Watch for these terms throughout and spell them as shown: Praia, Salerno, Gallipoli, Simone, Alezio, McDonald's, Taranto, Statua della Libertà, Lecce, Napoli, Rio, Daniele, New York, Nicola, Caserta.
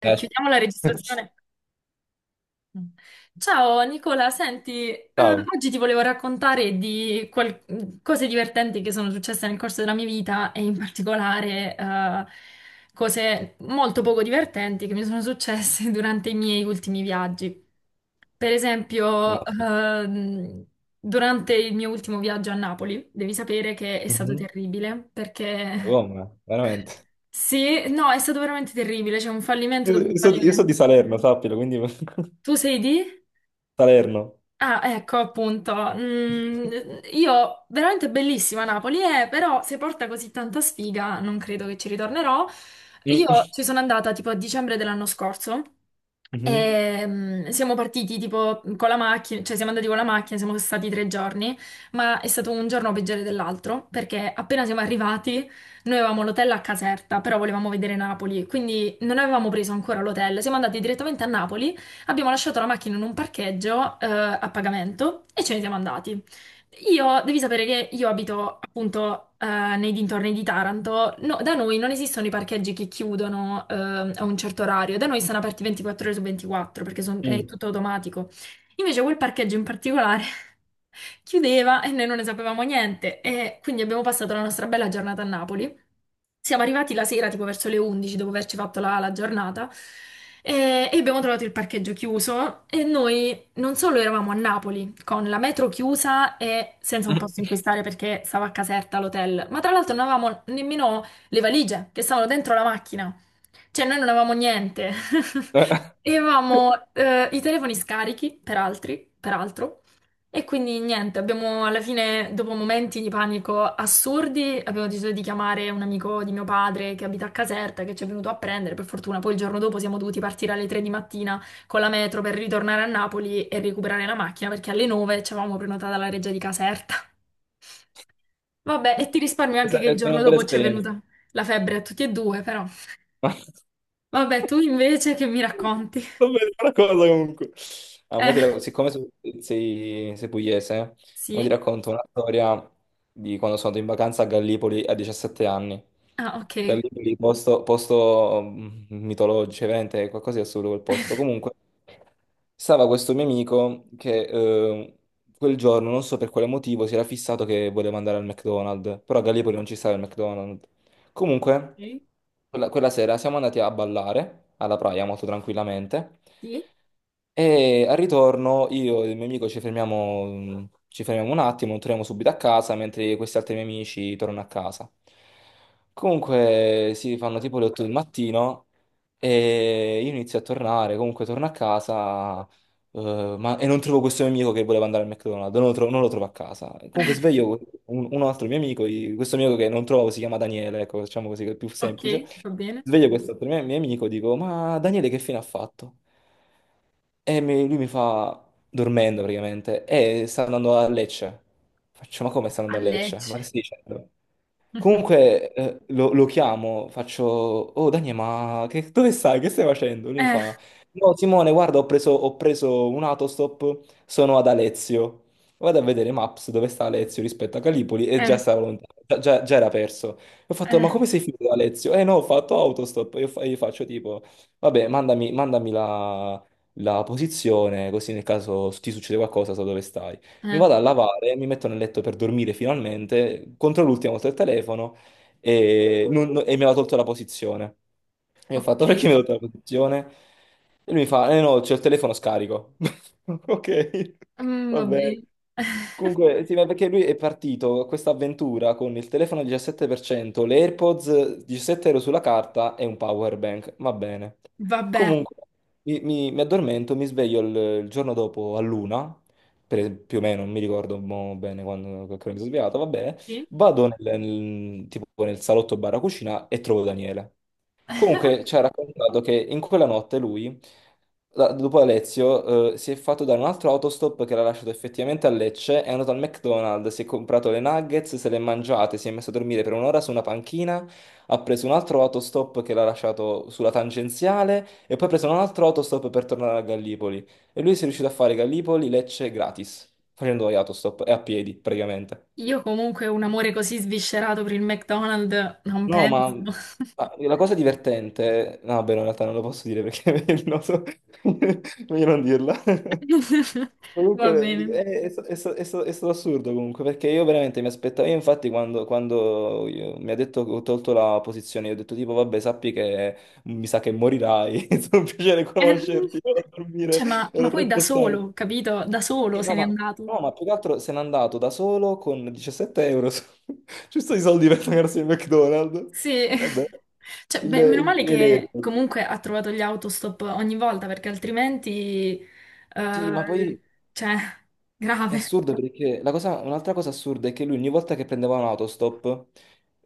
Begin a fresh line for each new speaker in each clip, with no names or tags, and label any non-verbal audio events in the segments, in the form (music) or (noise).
Eh,
Chiudiamo la
ci
registrazione. Ciao Nicola, senti,
pensavo,
oggi ti volevo raccontare di cose divertenti che sono successe nel corso della mia vita e in particolare cose molto poco divertenti che mi sono successe (laughs) durante i miei ultimi viaggi. Per
ma
esempio, durante il mio ultimo viaggio a Napoli, devi sapere che è stato
Mhm.
terribile
Ma
perché
come? Veramente.
(laughs) sì, no, è stato veramente terribile, c'è un fallimento
Io,
dopo un
io so, io so
fallimento.
di Salerno, sappilo, quindi (laughs)
Tu sei di?
Salerno.
Ah, ecco appunto. Io veramente bellissima Napoli, però se porta così tanta sfiga non credo che ci ritornerò.
Mm.
Io ci sono andata tipo a dicembre dell'anno scorso
Mhm.
e siamo partiti tipo con la macchina, cioè siamo andati con la macchina, siamo stati 3 giorni, ma è stato un giorno peggiore dell'altro perché appena siamo arrivati noi avevamo l'hotel a Caserta, però volevamo vedere Napoli, quindi non avevamo preso ancora l'hotel, siamo andati direttamente a Napoli. Abbiamo lasciato la macchina in un parcheggio, a pagamento e ce ne siamo andati. Io, devi sapere che io abito appunto nei dintorni di Taranto. No, da noi non esistono i parcheggi che chiudono a un certo orario, da noi sono aperti 24 ore su 24 perché è
Mm.
tutto automatico. Invece quel parcheggio in particolare chiudeva e noi non ne sapevamo niente e quindi abbiamo passato la nostra bella giornata a Napoli. Siamo arrivati la sera, tipo verso le 11, dopo averci fatto la giornata, e abbiamo trovato il parcheggio chiuso. E noi non solo eravamo a Napoli, con la metro chiusa e senza un posto in cui
(laughs)
stare perché stava a Caserta l'hotel, ma tra l'altro non avevamo nemmeno le valigie che stavano dentro la macchina. Cioè, noi non avevamo niente. (laughs) E avevamo i telefoni scarichi per altri, peraltro, e quindi niente, abbiamo alla fine, dopo momenti di panico assurdi, abbiamo deciso di chiamare un amico di mio padre che abita a Caserta, che ci è venuto a prendere, per fortuna poi il giorno dopo siamo dovuti partire alle 3 di mattina con la metro per ritornare a Napoli e recuperare la macchina, perché alle 9 ci avevamo prenotata la reggia di Caserta. Vabbè, e ti risparmio
È
anche
stata
che il
è stata una
giorno
bella
dopo ci è
esperienza.
venuta la febbre a tutti e due, però. Vabbè, tu invece che mi racconti?
Non vedo una cosa comunque. Ah, mo ti
Eh,
rac- siccome so- sei pugliese, mo ti
sì.
racconto una storia di quando sono andato in vacanza a Gallipoli a 17 anni.
Ah, ok.
Gallipoli, posto, posto mitologico, veramente è qualcosa di assurdo quel posto. Comunque, stava questo mio amico che quel giorno, non so per quale motivo, si era fissato che voleva andare al McDonald's, però a Gallipoli non ci stava il McDonald's. Comunque,
Ok,
quella sera siamo andati a ballare alla Praia molto tranquillamente
sì,
e al ritorno io e il mio amico ci fermiamo un attimo, non torniamo subito a casa, mentre questi altri miei amici tornano a casa. Comunque si fanno tipo le 8 del mattino e io inizio a tornare, comunque torno a casa e non trovo questo mio amico che voleva andare al McDonald's, non lo trovo a casa. Comunque sveglio un altro mio amico, i- questo mio amico che non trovo si chiama Daniele, ecco, diciamo così che è più
ok,
semplice.
va bene.
Sveglio questo altro mio amico, dico, ma Daniele che fine ha fatto? E mi- lui mi fa, dormendo praticamente, e sta andando a Lecce. Faccio, ma come sta
A
andando a Lecce? Ma
Lecce.
che stai dicendo?
(laughs)
Comunque lo chiamo, faccio, oh Daniele, ma che- dove stai? Che stai facendo? Lui mi
Eh,
fa, no Simone, guarda, ho preso un autostop, sono ad Alezio. Vado a vedere Maps dove sta Alezio rispetto a Calipoli e già
eh,
stava lontano, già era perso. E ho fatto, ma
eh,
come sei finito ad Alezio? Eh no, ho fatto autostop. E io, fa- io faccio tipo, vabbè, mandami la posizione, così nel caso ti succede qualcosa so dove stai. Mi
eh.
vado a lavare, mi metto nel letto per dormire finalmente, contro l'ultimo ho avuto il telefono e, e mi aveva tolto la posizione. E ho
Ok,
fatto, (laughs) perché mi ha tolto la posizione? E lui mi fa, eh no, c'è il telefono scarico. (laughs) Ok,
mm,
va
va
bene.
bene. (laughs)
Comunque, sì, ma perché lui è partito a questa avventura con il telefono al 17%, le AirPods 17 euro sulla carta e un power bank. Va bene.
Vabbè,
Comunque, mi addormento, mi sveglio il giorno dopo a luna, per- più o meno, non mi ricordo mo bene quando che ora mi sono svegliato, va bene.
sì.
Vado tipo nel salotto barra cucina e trovo Daniele. Comunque ci ha raccontato che in quella notte lui, la- dopo Alezio, si è fatto dare un altro autostop che l'ha lasciato effettivamente a Lecce, è andato al McDonald's, si è comprato le nuggets, se le è mangiate, si è messo a dormire per 1 ora su una panchina, ha preso un altro autostop che l'ha lasciato sulla tangenziale e poi ha preso un altro autostop per tornare a Gallipoli. E lui si è riuscito a fare Gallipoli-Lecce gratis, facendo gli autostop e a piedi praticamente.
Io comunque un amore così sviscerato per il McDonald's non
No,
penso.
ma la cosa divertente, no, beh, no, in realtà non lo posso dire perché (laughs) è il noto, (laughs) meglio non dirla.
(laughs)
(laughs)
Va
Comunque
bene.
è, è stato assurdo comunque perché io veramente mi aspettavo, io infatti quando io- mi ha detto che ho tolto la posizione, io ho detto tipo vabbè sappi che mi sa che morirai, (laughs) è stato un piacere
Eh, mm,
conoscerti, vado a dormire,
Cioè, ma
ero
poi da
troppo stanco.
solo, capito? Da solo
Sì,
se
no,
n'è
ma,
andato.
no, ma più che altro se n'è andato da solo con 17 euro. Su- (laughs) Giusto i soldi per pagarsi il McDonald's.
Sì,
Vabbè,
(laughs) cioè, beh, meno male che
l'elettrico.
comunque ha trovato gli autostop ogni volta perché altrimenti,
Sì, ma poi
eh, cioè,
è
grave.
assurdo perché la cosa- un'altra cosa assurda è che lui ogni volta che prendeva un autostop,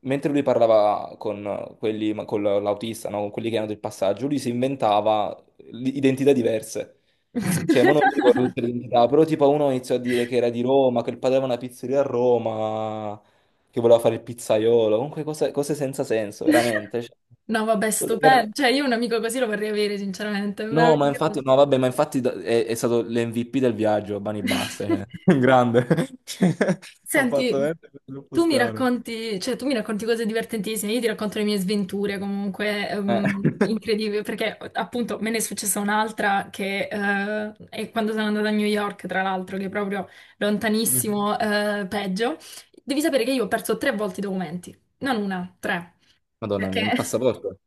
mentre lui parlava con quelli, ma con l'autista, no? Con quelli che erano del passaggio, lui si inventava l- identità diverse. Cioè, mo non mi ricordo
(laughs)
tutte le identità, però tipo uno iniziò a dire che era di Roma, che il padre aveva una pizzeria a Roma, che voleva fare il pizzaiolo, comunque cose senza senso, veramente. Cioè,
No, vabbè,
cosa-
stupendo.
veramente.
Cioè, io un amico così lo vorrei avere, sinceramente, è
No, ma infatti,
meraviglioso.
no, vabbè, ma infatti da- è stato l'MVP del viaggio, Bani Basta, cioè.
(laughs)
(laughs) Un grande. (laughs) Cioè, ha fatto
Senti,
veramente troppo
tu mi
strano.
racconti, cioè, tu mi racconti cose divertentissime, io ti racconto le mie sventure comunque
Eh.
incredibili, perché appunto me ne è successa un'altra che è quando sono andata a New York, tra l'altro, che è proprio lontanissimo,
(laughs)
peggio. Devi sapere che io ho perso tre volte i documenti, non una, tre,
Madonna
perché.
mia, il passaporto.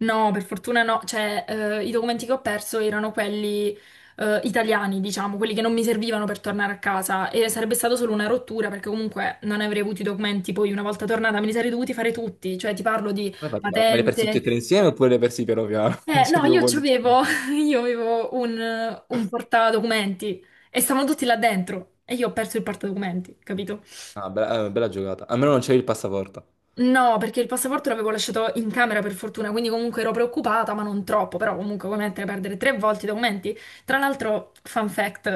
No, per fortuna no, cioè i documenti che ho perso erano quelli italiani, diciamo, quelli che non mi servivano per tornare a casa e sarebbe stata solo una rottura perché comunque non avrei avuto i documenti, poi una volta tornata me li sarei dovuti fare tutti, cioè ti parlo di
Come hai fatto? Ma me le hai persi tutti e
patente.
tre insieme oppure le hai persi piano piano? (laughs) Cioè,
No,
tipo,
io
poi-
c'avevo, (laughs) io avevo un, portadocumenti e stavano tutti là dentro e io ho perso il portadocumenti, capito?
Ah, bella, bella giocata. Almeno non c'è il passaporto.
No, perché il passaporto l'avevo lasciato in camera per fortuna, quindi comunque ero preoccupata, ma non troppo, però comunque come mettere a perdere tre volte i documenti? Tra l'altro, fun fact,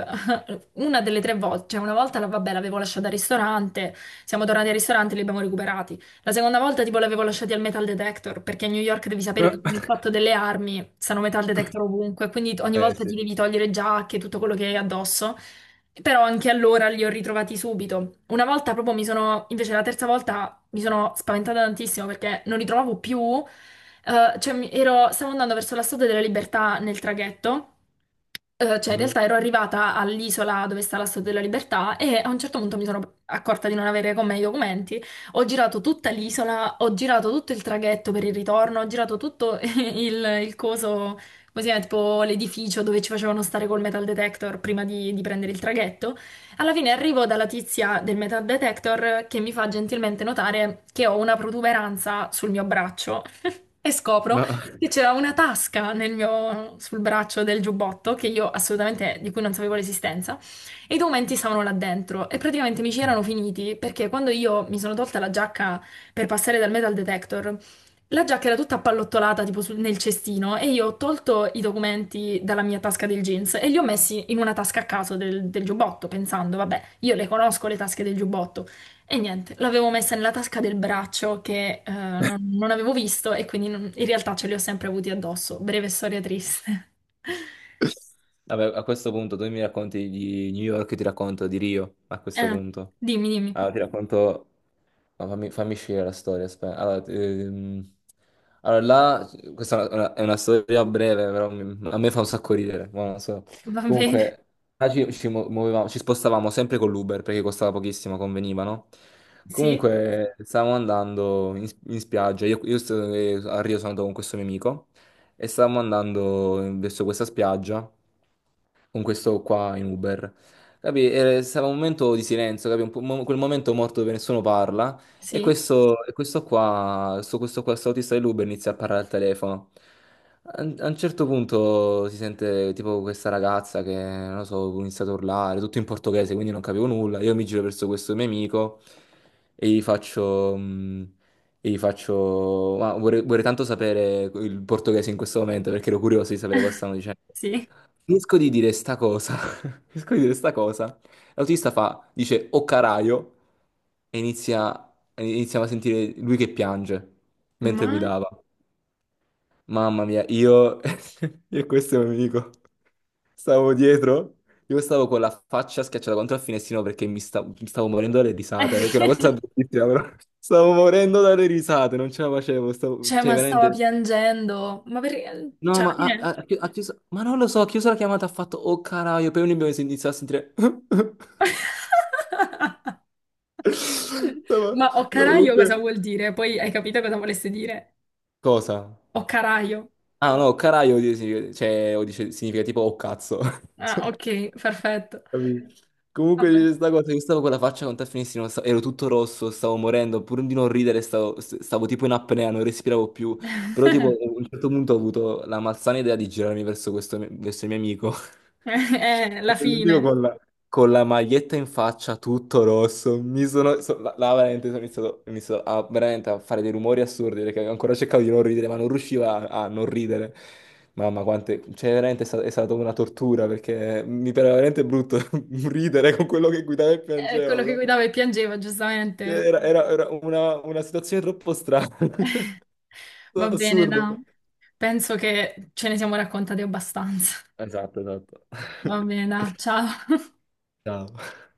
volte, una delle tre volte, cioè una volta la, vabbè, l'avevo lasciata al ristorante, siamo tornati al ristorante e li abbiamo recuperati. La seconda volta tipo l'avevo lasciati al metal detector, perché a New York devi sapere che con il
(laughs)
fatto delle armi stanno metal detector ovunque, quindi ogni
Eh
volta ti
sì.
devi togliere giacche, tutto quello che hai addosso. Però anche allora li ho ritrovati subito. Una volta proprio mi sono, invece la terza volta mi sono spaventata tantissimo perché non li trovavo più. Cioè, stavo andando verso la Statua della Libertà nel traghetto. Cioè, in
Mhm.
realtà ero arrivata all'isola dove sta la Statua della Libertà e a un certo punto mi sono accorta di non avere con me i documenti. Ho girato tutta l'isola, ho girato tutto il traghetto per il ritorno, ho girato tutto (laughs) il, coso, così è, tipo l'edificio dove ci facevano stare col metal detector prima di prendere il traghetto. Alla fine arrivo dalla tizia del metal detector che mi fa gentilmente notare che ho una protuberanza sul mio braccio e scopro
Ma
che
(laughs)
c'era una tasca nel mio, sul braccio del giubbotto che io assolutamente di cui non sapevo l'esistenza e i documenti stavano là dentro e praticamente mi ci erano finiti perché quando io mi sono tolta la giacca per passare dal metal detector, la giacca era tutta appallottolata tipo nel cestino e io ho tolto i documenti dalla mia tasca del jeans e li ho messi in una tasca a caso del giubbotto pensando, vabbè, io le conosco le tasche del giubbotto, e niente, l'avevo messa nella tasca del braccio che non avevo visto e quindi in realtà ce li ho sempre avuti addosso. Breve storia triste. (laughs)
vabbè, a questo punto tu mi racconti di New York, io ti racconto di Rio, a questo
Eh,
punto.
dimmi, dimmi.
Allora, ti racconto no, fammi scegliere la storia, aspetta. Allora, allora, là, questa è una storia breve, però mi- a me fa un sacco ridere, ma non so.
Va bene.
Comunque, là ci spostavamo sempre con l'Uber perché costava pochissimo, conveniva, no?
Sì,
Comunque, stavamo andando in spiaggia, a Rio sono andato con questo mio amico e stavamo andando verso questa spiaggia con questo qua in Uber. Capì? Stava un momento di silenzio, capì? Un po- mo- quel momento morto dove nessuno parla. E
sì,
questo, questo autista dell'Uber inizia a parlare al telefono. A un certo punto si sente tipo questa ragazza che, non lo so, inizia ad urlare, tutto in portoghese, quindi non capivo nulla. Io mi giro verso questo mio amico e gli faccio... e gli faccio, ma vorrei tanto sapere il portoghese in questo momento perché ero curioso di sapere cosa stanno dicendo.
sì.
Riesco di dire sta cosa, (laughs) riesco di dire sta cosa. L'autista fa, dice o caraio e iniziamo a sentire lui che piange mentre
Ma...
guidava. Mamma mia, io... (laughs) io questo è un amico. Stavo dietro, io stavo con la faccia schiacciata contro il finestrino perché mi stavo morendo dalle risate, che è una cosa
(laughs)
bruttissima, però (laughs) stavo morendo dalle risate, non ce la facevo, stavo...
Cioè,
cioè
ma stava
veramente...
piangendo. Ma perché...
No,
Cioè,
ma
alla fine...
ha chiuso... Ma non lo so, ha chiuso la chiamata, ha fatto... Oh caraio, poi abbiamo iniziato a sentire... (laughs)
(laughs) Ma o
Stavo
caraio cosa
comunque...
vuol dire? Poi hai capito cosa volesse dire?
Cosa?
O caraio.
Ah no, caraio, di- significa- cioè, o dice- significa tipo oh cazzo.
Ah, ok,
(laughs)
perfetto.
Capito? Comunque dice
Vabbè.
questa cosa, io stavo con la faccia con te finissimo, sta- ero tutto rosso, stavo morendo, pur di non ridere stavo tipo in apnea, non respiravo più, però tipo a un certo punto ho avuto la malsana idea di girarmi verso questo, verso il mio amico
(laughs) La
l'unico
fine.
con la maglietta in faccia, tutto rosso, mi sono, so- là, là veramente sono iniziato, ho iniziato a, veramente a fare dei rumori assurdi perché ancora cercavo di non ridere, ma non riuscivo a, a non ridere. Mamma, quante, cioè veramente è sta- è stata, una tortura perché mi pareva veramente brutto (laughs) ridere con quello che guidava e piangevo,
Quello che
però
guidava e piangeva,
cioè,
giustamente.
era, era- era una situazione troppo strana,
(laughs) Va
(laughs)
bene,
assurdo.
da. Penso che ce ne siamo raccontati abbastanza.
Esatto, esatto.
Va
(laughs)
bene, da. Ciao.
Ciao.